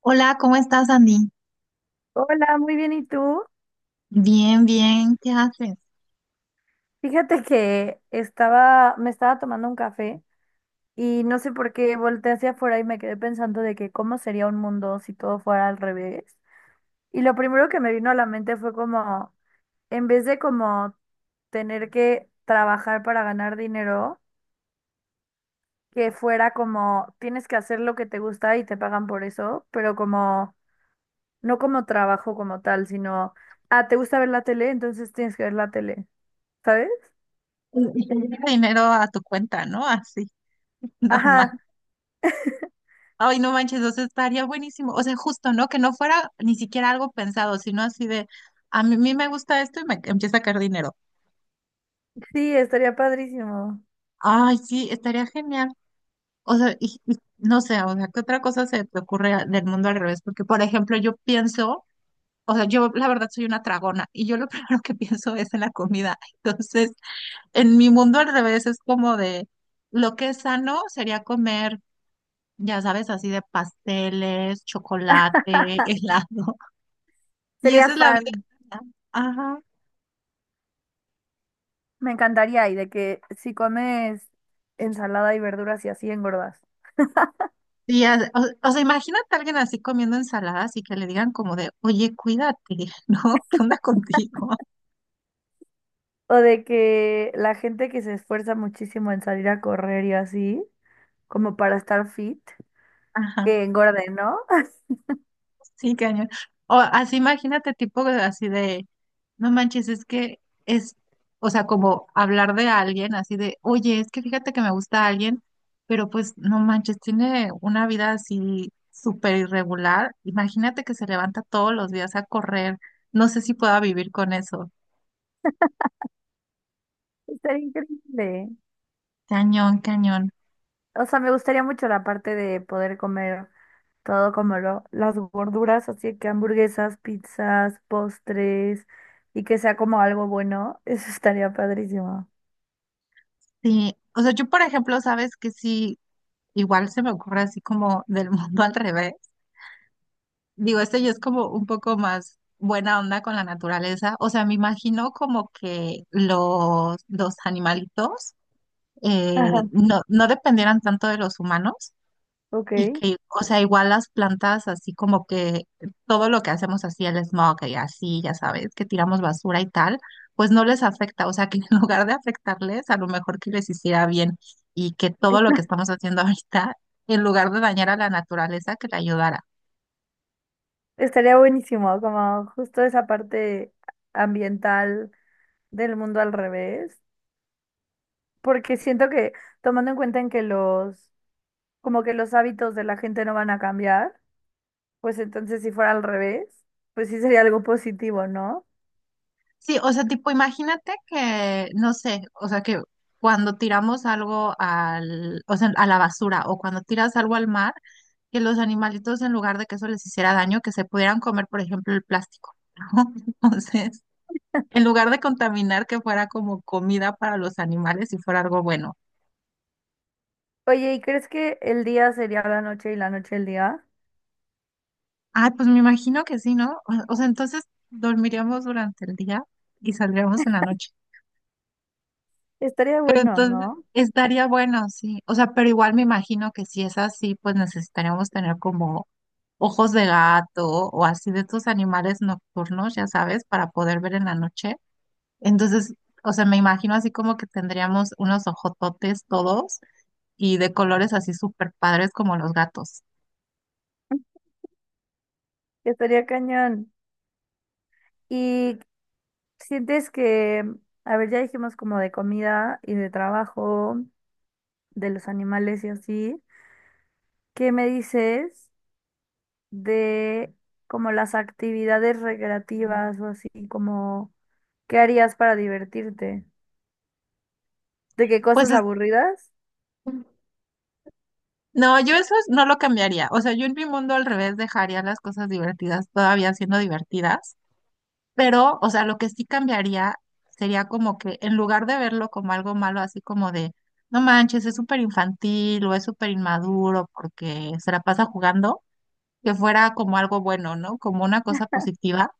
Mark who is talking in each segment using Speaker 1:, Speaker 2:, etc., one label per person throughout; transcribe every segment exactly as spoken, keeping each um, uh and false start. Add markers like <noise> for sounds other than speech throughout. Speaker 1: Hola, ¿cómo estás, Andy?
Speaker 2: Hola, muy bien, ¿y tú?
Speaker 1: Bien, bien, ¿qué haces?
Speaker 2: Fíjate que estaba, me estaba tomando un café y no sé por qué volteé hacia afuera y me quedé pensando de que cómo sería un mundo si todo fuera al revés. Y lo primero que me vino a la mente fue como, en vez de como tener que trabajar para ganar dinero, que fuera como, tienes que hacer lo que te gusta y te pagan por eso, pero como, no como trabajo como tal, sino, ah, ¿te gusta ver la tele? Entonces tienes que ver la tele, ¿sabes?
Speaker 1: Y te llega dinero a tu cuenta, ¿no? Así, <laughs>
Speaker 2: Ajá.
Speaker 1: normal. Ay, no manches, eso estaría buenísimo. O sea, justo, ¿no? Que no fuera ni siquiera algo pensado, sino así de, a mí, mí me gusta esto y me empieza a caer dinero.
Speaker 2: Sí, estaría padrísimo.
Speaker 1: Ay, sí, estaría genial. O sea, y, y no sé, o sea, ¿qué otra cosa se te ocurre a- del mundo al revés? Porque, por ejemplo, yo pienso, o sea, yo la verdad soy una tragona y yo lo <laughs> primero que pienso es en la comida. Entonces, en mi mundo al revés es como de lo que es sano sería comer, ya sabes, así de pasteles, chocolate, <laughs> helado. Y
Speaker 2: Sería
Speaker 1: esa es la vida
Speaker 2: fan.
Speaker 1: sana. Ajá.
Speaker 2: Me encantaría. Y de que si comes ensalada y verduras y así engordas.
Speaker 1: Y ya- o, o sea, imagínate a alguien así comiendo ensaladas y que le digan como de, oye, cuídate, <laughs> ¿no? ¿Qué onda contigo?
Speaker 2: O de que la gente que se esfuerza muchísimo en salir a correr y así, como para estar fit,
Speaker 1: Ajá.
Speaker 2: que engorde, ¿no? <laughs>
Speaker 1: Sí, cañón. O así imagínate, tipo de- así de, no manches, es que es, o sea, como hablar de alguien, así de, oye, es que fíjate que me gusta alguien, pero pues no manches, tiene una vida así súper irregular. Imagínate que se levanta todos los días a correr. No sé si pueda vivir con eso.
Speaker 2: Estaría increíble.
Speaker 1: Cañón, cañón.
Speaker 2: O sea, me gustaría mucho la parte de poder comer todo como lo, las gorduras, así que hamburguesas, pizzas, postres y que sea como algo bueno. <laughs> Eso estaría padrísimo.
Speaker 1: Sí, o sea, yo por ejemplo, sabes que sí, igual se me ocurre así como del <laughs> mundo al revés. Digo, este ya es como un poco más buena onda con la naturaleza. O sea, me imagino como que los, los animalitos
Speaker 2: Ajá,
Speaker 1: eh, no, no dependieran tanto de los humanos y
Speaker 2: ok.
Speaker 1: que, o sea, igual las plantas, así como que todo lo que hacemos así, el smog y así, ya sabes, que tiramos basura y tal, pues no les afecta. O sea, que <laughs> en lugar de afectarles, a lo mejor que les hiciera bien y que todo lo que estamos haciendo ahorita, en lugar de dañar a la naturaleza, que le ayudara.
Speaker 2: Estaría buenísimo, como justo esa parte ambiental del mundo al revés, porque siento que tomando en cuenta en que los, como que los hábitos de la gente no van a cambiar, pues entonces si fuera al revés, pues sí sería algo positivo, ¿no?
Speaker 1: Sí, o sea, tipo, imagínate que, no sé, o sea, que cuando tiramos algo al, o sea, a la basura o cuando tiras algo al mar, que los animalitos en lugar de que eso les hiciera daño, que se pudieran comer, por ejemplo, el plástico, ¿no? <laughs> Entonces, en lugar de contaminar, que fuera como comida para los animales y fuera algo bueno.
Speaker 2: Oye, ¿y crees que el día sería la noche y la noche el día?
Speaker 1: Ah, pues me imagino que sí, ¿no? O o sea, entonces dormiríamos durante el día y saldríamos en la noche.
Speaker 2: Estaría bueno,
Speaker 1: Entonces,
Speaker 2: ¿no?
Speaker 1: estaría bueno, sí. O sea, pero igual me imagino que si es así, pues necesitaríamos tener como ojos de gato o así de estos animales nocturnos, ya sabes, para poder ver en la noche. Entonces, o sea, me imagino así como que tendríamos unos ojototes todos y de colores así súper padres como los gatos.
Speaker 2: Estaría cañón. ¿Y sientes que, a ver, ya dijimos como de comida y de trabajo, de los animales y así? ¿Qué me dices de como las actividades recreativas o así, como qué harías para divertirte? ¿De qué
Speaker 1: Pues
Speaker 2: cosas
Speaker 1: es-
Speaker 2: aburridas?
Speaker 1: no, yo eso es- no lo cambiaría. O sea, yo en mi mundo al revés dejaría las cosas divertidas todavía siendo divertidas. Pero, o sea, lo que sí cambiaría sería como que en lugar de verlo como algo malo, así como de, no manches, es súper infantil o es súper inmaduro porque se la pasa jugando, que fuera como algo bueno, ¿no? Como una cosa positiva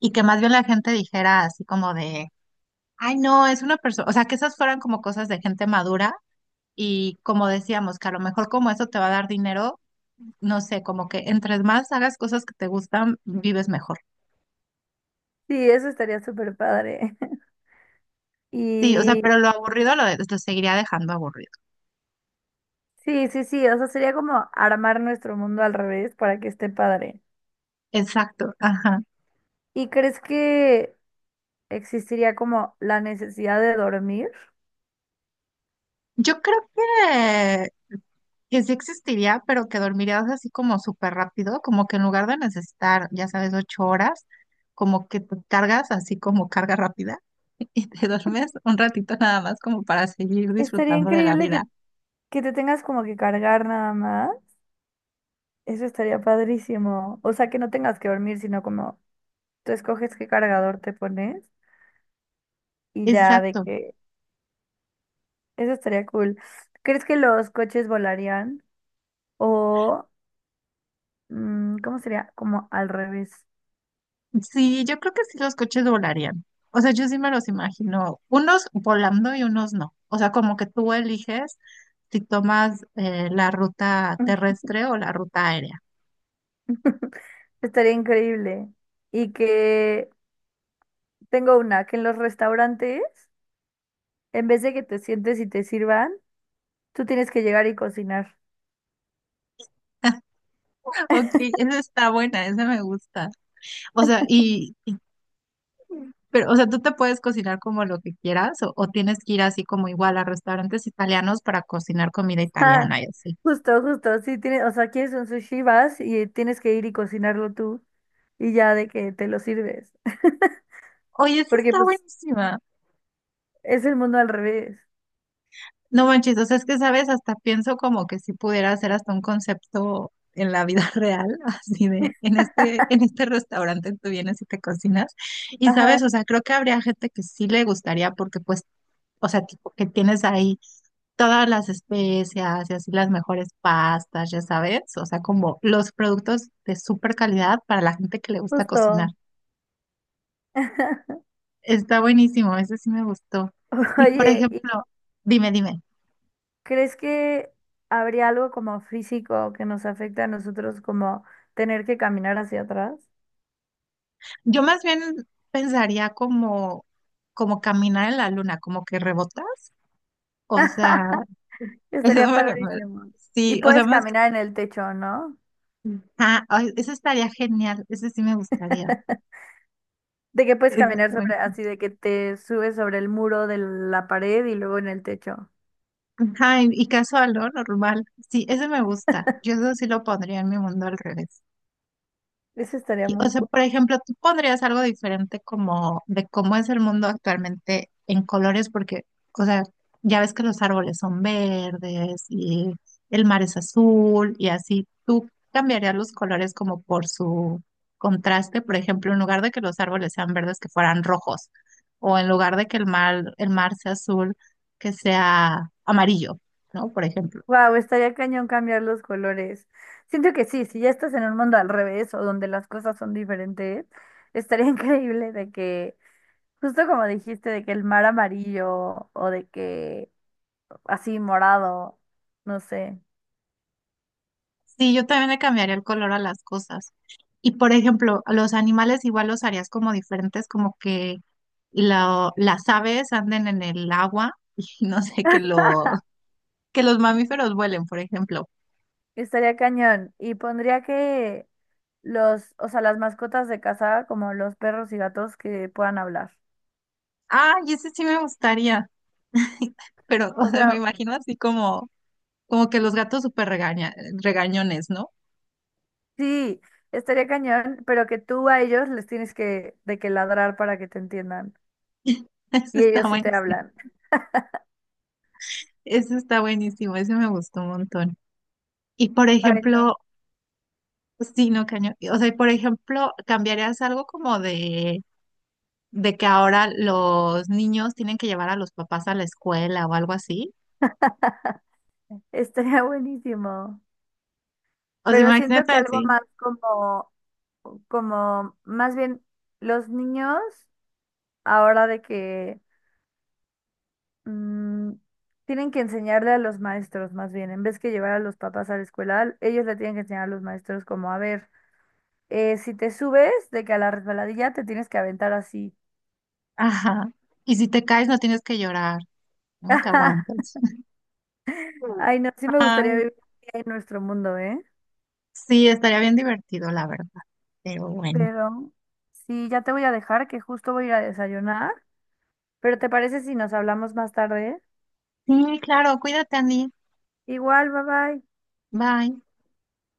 Speaker 1: y que más bien la gente dijera así como de, ay, no, es una persona, o sea, que esas fueran como cosas de gente madura y como decíamos, que a lo mejor como eso te va a dar dinero, no sé, como que entre más hagas cosas que te gustan, vives mejor.
Speaker 2: Sí, eso estaría súper padre. <laughs>
Speaker 1: Sí, o sea,
Speaker 2: Y
Speaker 1: pero lo aburrido lo, de- lo seguiría dejando aburrido.
Speaker 2: sí, sí, sí, o sea, sería como armar nuestro mundo al revés para que esté padre.
Speaker 1: Exacto, ajá.
Speaker 2: ¿Y crees que existiría como la necesidad de dormir?
Speaker 1: Yo creo que, que sí existiría, pero que dormirías así como súper rápido, como que en lugar de necesitar, ya sabes, ocho horas, como que te cargas así como carga rápida <laughs> y te duermes un ratito nada más como para seguir
Speaker 2: Estaría
Speaker 1: disfrutando de la
Speaker 2: increíble que,
Speaker 1: vida.
Speaker 2: que te tengas como que cargar nada más. Eso estaría padrísimo. O sea, que no tengas que dormir, sino como tú escoges qué cargador te pones y ya de
Speaker 1: Exacto.
Speaker 2: que eso estaría cool. ¿Crees que los coches volarían? O, mm, ¿cómo sería? Como al revés.
Speaker 1: Sí, yo creo que sí los coches volarían. O sea, yo sí me los imagino, unos volando y unos no. O sea, como que tú eliges si tomas eh, la ruta terrestre o la ruta aérea.
Speaker 2: <laughs> Estaría increíble. Y que tengo una, que en los restaurantes, en vez de que te sientes y te sirvan, tú tienes que llegar y cocinar.
Speaker 1: Ok, esa está buena, esa me gusta. O sea, y, pero, o sea, tú te puedes cocinar como lo que quieras o, o tienes que ir así como igual a restaurantes italianos para cocinar comida
Speaker 2: Ah,
Speaker 1: italiana y así.
Speaker 2: <laughs> justo, justo. Sí, tienes, o sea, quieres un sushi, vas y tienes que ir y cocinarlo tú y ya de que te lo sirves. <laughs>
Speaker 1: Oye, esa
Speaker 2: Porque
Speaker 1: está
Speaker 2: pues
Speaker 1: buenísima.
Speaker 2: es el mundo al revés.
Speaker 1: No manches, o sea, es que sabes, hasta pienso como que si pudiera hacer hasta un concepto en la vida <laughs> real, así de, en este,
Speaker 2: <laughs>
Speaker 1: en este restaurante tú vienes y te cocinas. Y
Speaker 2: Ajá,
Speaker 1: sabes, o sea, creo que habría gente que sí le gustaría porque pues, o sea, tipo, que tienes ahí todas las especias y así las mejores pastas, ya sabes, o sea, como los productos de súper calidad para la gente que le gusta cocinar.
Speaker 2: justo. <laughs>
Speaker 1: Está buenísimo, ese sí me gustó. Y por
Speaker 2: Oye, ¿y
Speaker 1: ejemplo, dime, dime,
Speaker 2: crees que habría algo como físico que nos afecte a nosotros como tener que caminar hacia atrás?
Speaker 1: yo más bien pensaría como, como caminar en la luna, como que rebotas, o sea,
Speaker 2: <laughs>
Speaker 1: <laughs> eso
Speaker 2: Estaría
Speaker 1: me- me-
Speaker 2: padrísimo. Y
Speaker 1: sí, o sea,
Speaker 2: puedes
Speaker 1: más que,
Speaker 2: caminar en el techo, ¿no?
Speaker 1: ah, ay, ese estaría genial, ese sí me gustaría.
Speaker 2: <laughs> De que puedes
Speaker 1: Eso
Speaker 2: caminar
Speaker 1: está.
Speaker 2: sobre, así de que te subes sobre el muro de la pared y luego en el techo.
Speaker 1: Ajá, y y casual, ¿no? Normal. Sí, ese me gusta. Yo eso sí lo pondría en mi mundo al revés.
Speaker 2: Eso estaría
Speaker 1: Y, o
Speaker 2: muy
Speaker 1: sea,
Speaker 2: cool.
Speaker 1: por ejemplo, tú pondrías algo diferente como de cómo es el mundo actualmente en colores, porque, o sea, ya ves que los árboles son verdes y el mar es azul y así. ¿Tú cambiarías los colores como por su contraste? Por ejemplo, en lugar de que los árboles sean verdes, que fueran rojos, o en lugar de que el mar, el mar sea azul, que sea amarillo, ¿no? Por ejemplo.
Speaker 2: Wow, estaría cañón cambiar los colores. Siento que sí, si ya estás en un mundo al revés o donde las cosas son diferentes, estaría <laughs> increíble de que, justo como dijiste, de que el mar amarillo o de que así morado, no sé,
Speaker 1: Sí, yo también le cambiaría el color a las cosas. Y por ejemplo, a los animales igual los harías como diferentes, como que la- las aves anden en el agua <laughs> y no sé, que, lo, que los mamíferos vuelen, por ejemplo.
Speaker 2: estaría cañón. Y pondría que los, o sea, las mascotas de casa, como los perros y gatos que puedan hablar.
Speaker 1: Ah, y ese sí me gustaría, <laughs> pero o
Speaker 2: O
Speaker 1: sea, me
Speaker 2: sea,
Speaker 1: imagino así como, como que los gatos súper regaña, regañones, ¿no?
Speaker 2: sí, estaría cañón, pero que tú a ellos les tienes que, de que ladrar para que te entiendan.
Speaker 1: <laughs> Ese
Speaker 2: Y
Speaker 1: está
Speaker 2: ellos sí te
Speaker 1: buenísimo,
Speaker 2: hablan.
Speaker 1: ese está buenísimo, ese me gustó un montón. Y por
Speaker 2: Ay, no.
Speaker 1: ejemplo, sí, no, cañón. O sea, y por ejemplo, ¿cambiarías algo como de, de que ahora los niños tienen que llevar a los papás a la escuela o algo así?
Speaker 2: <laughs> Estaría buenísimo.
Speaker 1: O sea,
Speaker 2: Pero siento
Speaker 1: imagínate
Speaker 2: que algo
Speaker 1: así.
Speaker 2: más como, como, más bien los niños, ahora de que mm, tienen que enseñarle a los maestros, más bien, en vez que llevar a los papás a la escuela, ellos le tienen que enseñar a los maestros como, a ver, eh, si te subes de que a la resbaladilla te tienes que aventar así.
Speaker 1: Ajá. Y si te caes, no tienes que llorar, no te
Speaker 2: <laughs>
Speaker 1: aguantas. <laughs>
Speaker 2: Ay, no, sí me
Speaker 1: Ay,
Speaker 2: gustaría vivir en nuestro mundo, ¿eh?
Speaker 1: sí, estaría bien divertido, la verdad. Pero bueno.
Speaker 2: Pero sí, ya te voy a dejar, que justo voy a ir a desayunar. Pero ¿te parece si nos hablamos más tarde?
Speaker 1: Sí, claro, cuídate, Andy.
Speaker 2: Igual, bye bye.
Speaker 1: Bye.